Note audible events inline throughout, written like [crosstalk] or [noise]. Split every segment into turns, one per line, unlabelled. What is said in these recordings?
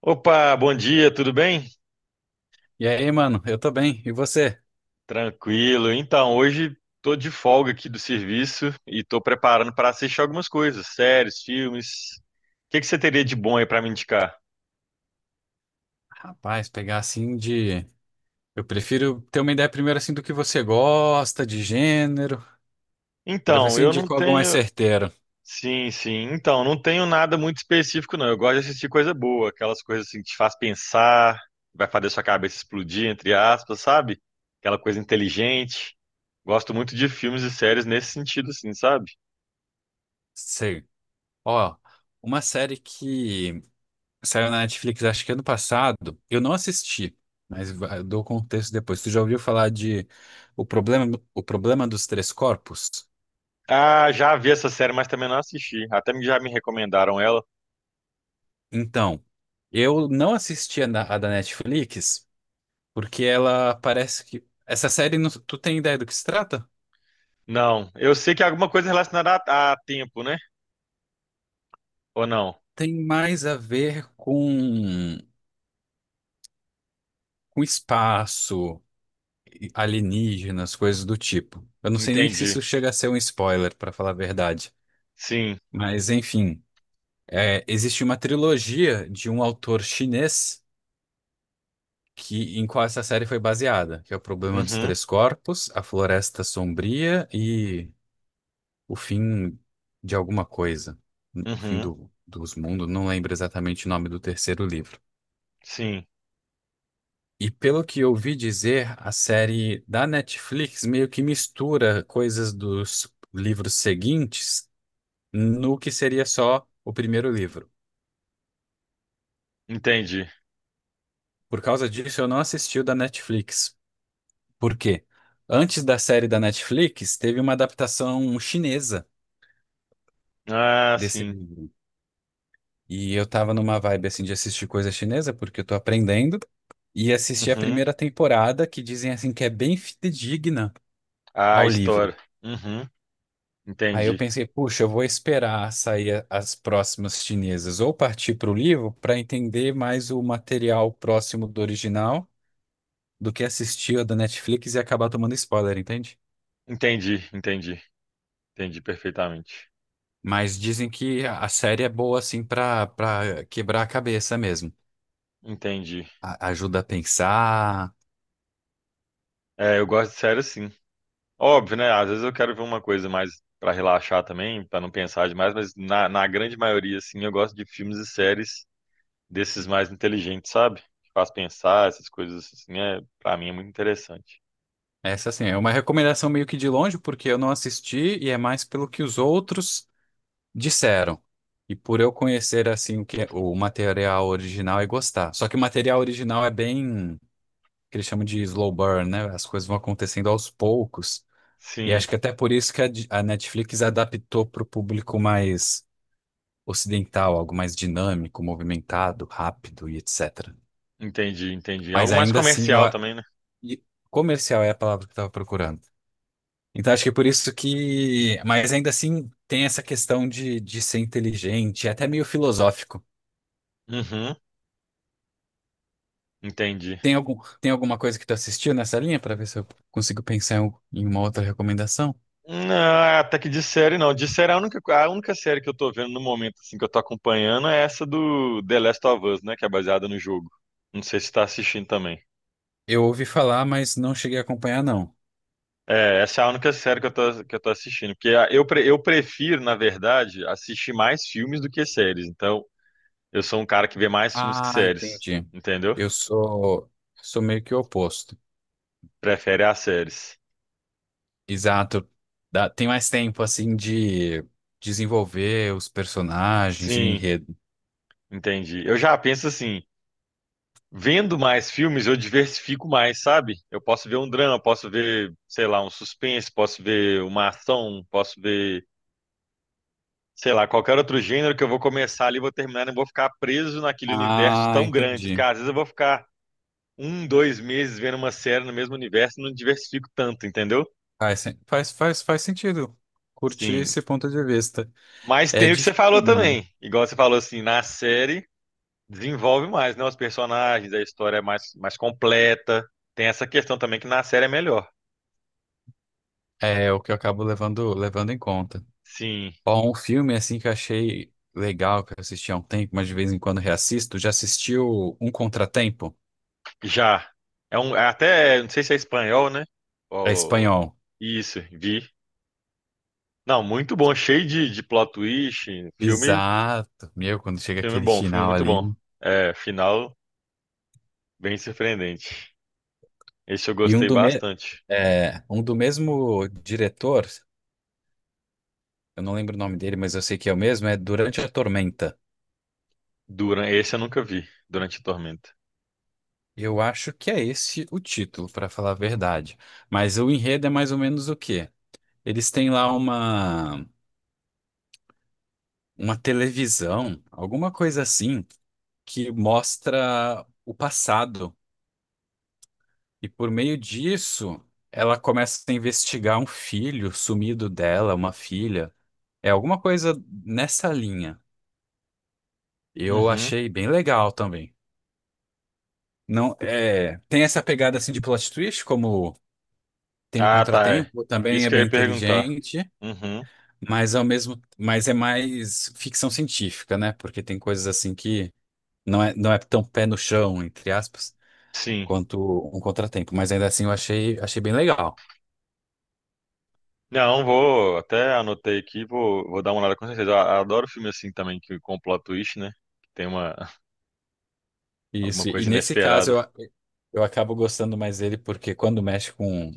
Opa, bom dia, tudo bem?
E aí, mano, eu tô bem. E você?
Tranquilo. Então, hoje tô de folga aqui do serviço e tô preparando para assistir algumas coisas, séries, filmes. O que que você teria de bom aí para me indicar?
Rapaz, pegar assim de. Eu prefiro ter uma ideia primeiro assim do que você gosta, de gênero, pra ver
Então,
se eu
eu não
indico algo mais
tenho.
certeiro.
Sim, sim. Então, não tenho nada muito específico, não. Eu gosto de assistir coisa boa, aquelas coisas assim que te faz pensar, vai fazer sua cabeça explodir, entre aspas, sabe? Aquela coisa inteligente. Gosto muito de filmes e séries nesse sentido, assim, sabe?
Sei. Ó, uma série que saiu na Netflix acho que ano passado, eu não assisti, mas eu dou contexto depois. Tu já ouviu falar de O Problema, O Problema dos Três Corpos?
Ah, já vi essa série, mas também não assisti. Até já me recomendaram ela.
Então, eu não assisti a da Netflix porque ela parece que. Essa série, tu tem ideia do que se trata?
Não, eu sei que é alguma coisa relacionada a tempo, né? Ou não?
Tem mais a ver com espaço, e alienígenas, coisas do tipo. Eu não sei nem se
Entendi.
isso chega a ser um spoiler, para falar a verdade.
Sim.
Mas, enfim, é, existe uma trilogia de um autor chinês que em qual essa série foi baseada, que é O Problema dos
Uhum.
Três Corpos, A Floresta Sombria e O Fim de Alguma Coisa.
Uhum.
Dos Mundos, não lembro exatamente o nome do terceiro livro.
Sim.
E pelo que eu ouvi dizer, a série da Netflix meio que mistura coisas dos livros seguintes no que seria só o primeiro livro.
Entendi.
Por causa disso, eu não assisti o da Netflix. Por quê? Antes da série da Netflix, teve uma adaptação chinesa
Ah,
desse
sim.
livro. E eu tava numa vibe assim de assistir coisa chinesa, porque eu tô aprendendo, e assisti a
Uhum.
primeira temporada, que dizem assim que é bem fidedigna
Ah,
ao livro.
história. Uhum.
Aí eu
Entendi.
pensei, puxa, eu vou esperar sair as próximas chinesas ou partir para o livro para entender mais o material próximo do original do que assistir a da Netflix e acabar tomando spoiler, entende?
Entendi. Entendi. Entendi perfeitamente.
Mas dizem que a série é boa assim para quebrar a cabeça mesmo.
Entendi.
A- ajuda a pensar.
É, eu gosto de série sim. Óbvio, né? Às vezes eu quero ver uma coisa mais pra relaxar também, pra não pensar demais, mas na grande maioria, assim, eu gosto de filmes e séries desses mais inteligentes, sabe? Que faz pensar, essas coisas assim, é, para mim é muito interessante.
Essa assim é uma recomendação meio que de longe porque eu não assisti e é mais pelo que os outros disseram. E por eu conhecer assim o que é, o material original e gostar. Só que o material original é bem que eles chamam de slow burn, né? As coisas vão acontecendo aos poucos. E
Sim,
acho que até por isso que a Netflix adaptou para o público mais ocidental, algo mais dinâmico, movimentado, rápido e etc.
entendi, entendi. Algo
Mas
mais
ainda assim, eu,
comercial
a-
também, né?
e comercial é a palavra que eu estava procurando. Então acho que é por isso que. Mas ainda assim tem essa questão de ser inteligente, é até meio filosófico.
Uhum, entendi.
Tem algum, tem alguma coisa que tu assistiu nessa linha para ver se eu consigo pensar em em uma outra recomendação?
Não, até que de série não. De série a única série que eu tô vendo no momento assim que eu tô acompanhando é essa do The Last of Us, né, que é baseada no jogo. Não sei se tá assistindo também.
Eu ouvi falar, mas não cheguei a acompanhar, não.
É, essa é a única série que eu tô assistindo, porque eu prefiro, na verdade, assistir mais filmes do que séries. Então, eu sou um cara que vê mais filmes que
Ah,
séries,
entendi.
entendeu?
Eu sou, sou meio que o oposto.
Prefere as séries.
Exato. Tem mais tempo, assim, de desenvolver os personagens e o
Sim,
enredo.
entendi. Eu já penso assim, vendo mais filmes, eu diversifico mais, sabe? Eu posso ver um drama, posso ver, sei lá, um suspense, posso ver uma ação, posso ver, sei lá, qualquer outro gênero que eu vou começar ali, vou terminar, não vou ficar preso naquele universo
Ah,
tão grande.
entendi.
Cara, às vezes eu vou ficar um, dois meses vendo uma série no mesmo universo e não diversifico tanto, entendeu?
Faz sentido. Curti
Sim.
esse ponto de vista.
Mas
É
tem o que você
difícil
falou
filme.
também. Igual você falou assim, na série. Desenvolve mais, né? Os personagens, a história é mais completa. Tem essa questão também que na série é melhor.
É o que eu acabo levando em conta.
Sim,
Ó, um filme assim que eu achei legal, que eu assisti há um tempo, mas de vez em quando reassisto. Já assistiu Um Contratempo?
já. É um, é até, não sei se é espanhol, né?
É
Ou-
espanhol.
isso, vi. Não, muito bom, cheio de plot twist. Filme,
Exato. Meu, quando chega
filme
aquele
bom, filme
final
muito bom.
ali.
É, final bem surpreendente. Esse eu
E um
gostei
do,
bastante.
é, um do mesmo diretor, eu não lembro o nome dele, mas eu sei que é o mesmo, é Durante a Tormenta.
Durante, esse eu nunca vi, Durante a Tormenta.
Eu acho que é esse o título, para falar a verdade. Mas o enredo é mais ou menos o quê? Eles têm lá uma televisão, alguma coisa assim, que mostra o passado. E por meio disso, ela começa a investigar um filho sumido dela, uma filha. É alguma coisa nessa linha. Eu
Uhum.
achei bem legal também. Não, é, tem essa pegada assim de plot twist, como tem o
Ah, tá. É.
Contratempo, também
Isso
é
que eu
bem
ia perguntar.
inteligente,
Uhum.
mas mas é mais ficção científica, né? Porque tem coisas assim que não é tão pé no chão, entre aspas,
Sim.
quanto um contratempo, mas ainda assim eu achei bem legal.
Não, vou, até anotei aqui, vou, vou dar uma olhada com certeza. Eu adoro filme assim também, que com plot twist, né? Que tem uma, [laughs] alguma
Isso, e
coisa
nesse caso
inesperada.
eu acabo gostando mais dele porque quando mexe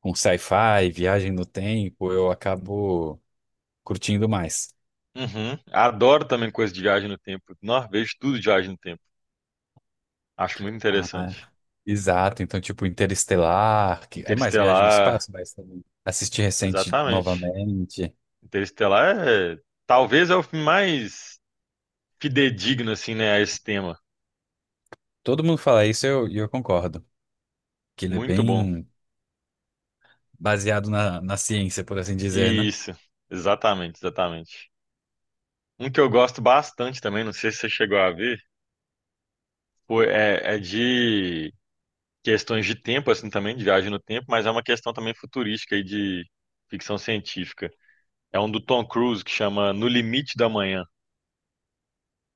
com sci-fi, viagem no tempo, eu acabo curtindo mais.
Uhum. Adoro também coisa de viagem no tempo. Nossa, vejo tudo de viagem no tempo. Acho muito interessante.
Ah, exato, então tipo Interestelar, que é mais viagem no
Interestelar,
espaço, mas também assisti recente
exatamente.
novamente.
Interestelar é, talvez é o filme mais fidedigno, assim, né, a esse tema.
Todo mundo fala isso e e eu concordo, que ele é
Muito bom.
bem baseado na, na ciência, por assim dizer, né?
Isso, exatamente, exatamente. Um que eu gosto bastante também, não sei se você chegou a ver, foi, é de questões de tempo, assim, também, de viagem no tempo, mas é uma questão também futurística aí de ficção científica. É um do Tom Cruise que chama No Limite da Manhã.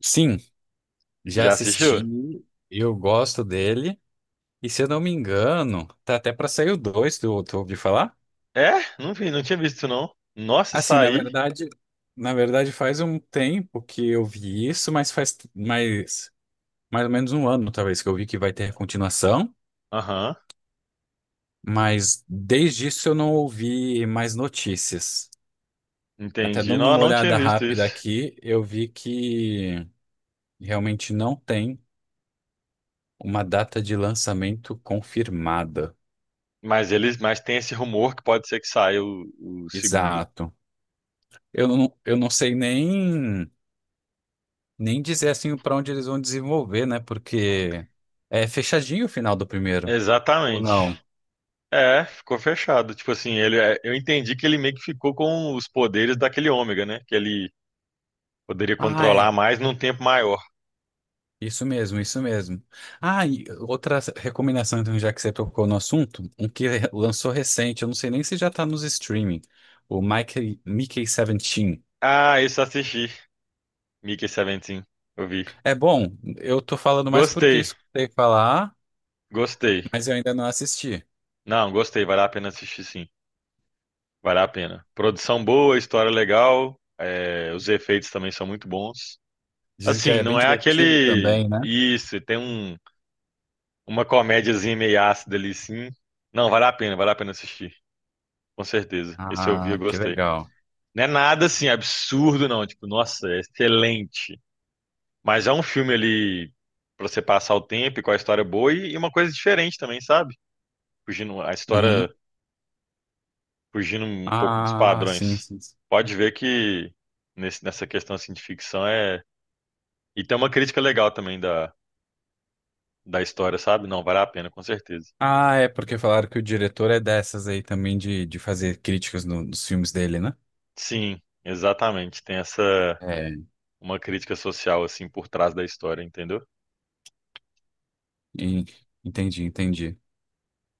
Sim,
Você
já
já
assisti,
assistiu?
eu gosto dele. E se eu não me engano, tá até pra sair o 2, tu ouviu falar?
É? Não vi, não tinha visto isso, não. Nossa, isso
Assim,
aí.
na verdade faz um tempo que eu vi isso, mas faz mais, mais ou menos um ano, talvez, que eu vi que vai ter continuação,
Aham,
mas desde isso eu não ouvi mais notícias. Até
entendi.
dando
Não, eu
uma
não tinha
olhada
visto
rápida
isso.
aqui, eu vi que realmente não tem uma data de lançamento confirmada.
Mas eles, mas tem esse rumor que pode ser que saia o segundo.
Exato. Eu não sei nem. Nem dizer assim para onde eles vão desenvolver, né? Porque é fechadinho o final do primeiro. Ou
Exatamente.
não?
É, ficou fechado. Tipo assim, ele, é, eu entendi que ele meio que ficou com os poderes daquele ômega, né? Que ele poderia
Ah,
controlar
é.
mais num tempo maior.
Isso mesmo, isso mesmo. Ah, e outra recomendação, então, já que você tocou no assunto, um que [laughs] lançou recente, eu não sei nem se já tá nos streaming, o Mickey 17.
Ah, isso eu assisti. Mickey 17, eu vi.
É bom, eu tô falando mais porque
Gostei,
escutei falar,
gostei.
mas eu ainda não assisti.
Não, gostei, vale a pena assistir sim. Vale a pena. Produção boa, história legal, é, os efeitos também são muito bons.
Dizem que
Assim,
é
não
bem
é
divertido
aquele.
também, né?
Isso, tem um, uma comédiazinha meio ácida ali sim. Não, vale a pena assistir, com certeza. Esse eu vi,
Ah,
eu
que
gostei.
legal.
Não é nada assim absurdo, não. Tipo, nossa, é excelente. Mas é um filme ali pra você passar o tempo e com a história boa e uma coisa diferente também, sabe? Fugindo, a história
Uhum.
fugindo um pouco dos
Ah, sim,
padrões.
sim.
Pode ver que nessa questão assim, de ficção é. E tem uma crítica legal também da história, sabe? Não, vale a pena, com certeza.
Ah, é porque falaram que o diretor é dessas aí também de fazer críticas nos filmes dele, né?
Sim, exatamente. Tem essa
É,
uma crítica social assim por trás da história, entendeu?
E- entendi, entendi.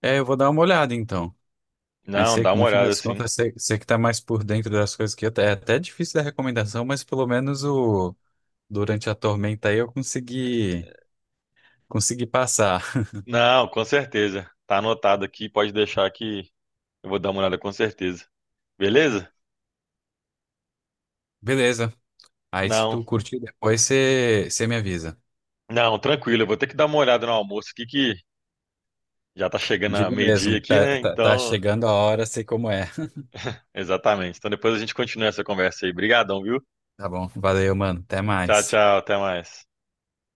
É, eu vou dar uma olhada então. Mas
Não, dá uma
no fim
olhada
das
assim.
contas, você que tá mais por dentro das coisas que até é até difícil da recomendação, mas pelo menos o durante a tormenta aí eu consegui passar.
Não, com certeza. Tá anotado aqui, pode deixar que eu vou dar uma olhada com certeza. Beleza?
Beleza. Aí se
Não,
tu curtir depois, você me avisa.
não, tranquilo. Eu vou ter que dar uma olhada no almoço aqui que já tá chegando a
Digo
meio-dia
mesmo,
aqui, né?
tá
Então.
chegando a hora, sei como é.
Exatamente. Então depois a gente continua essa conversa aí. Obrigadão, viu?
Tá bom, valeu, mano. Até
Tchau,
mais.
tchau, até mais.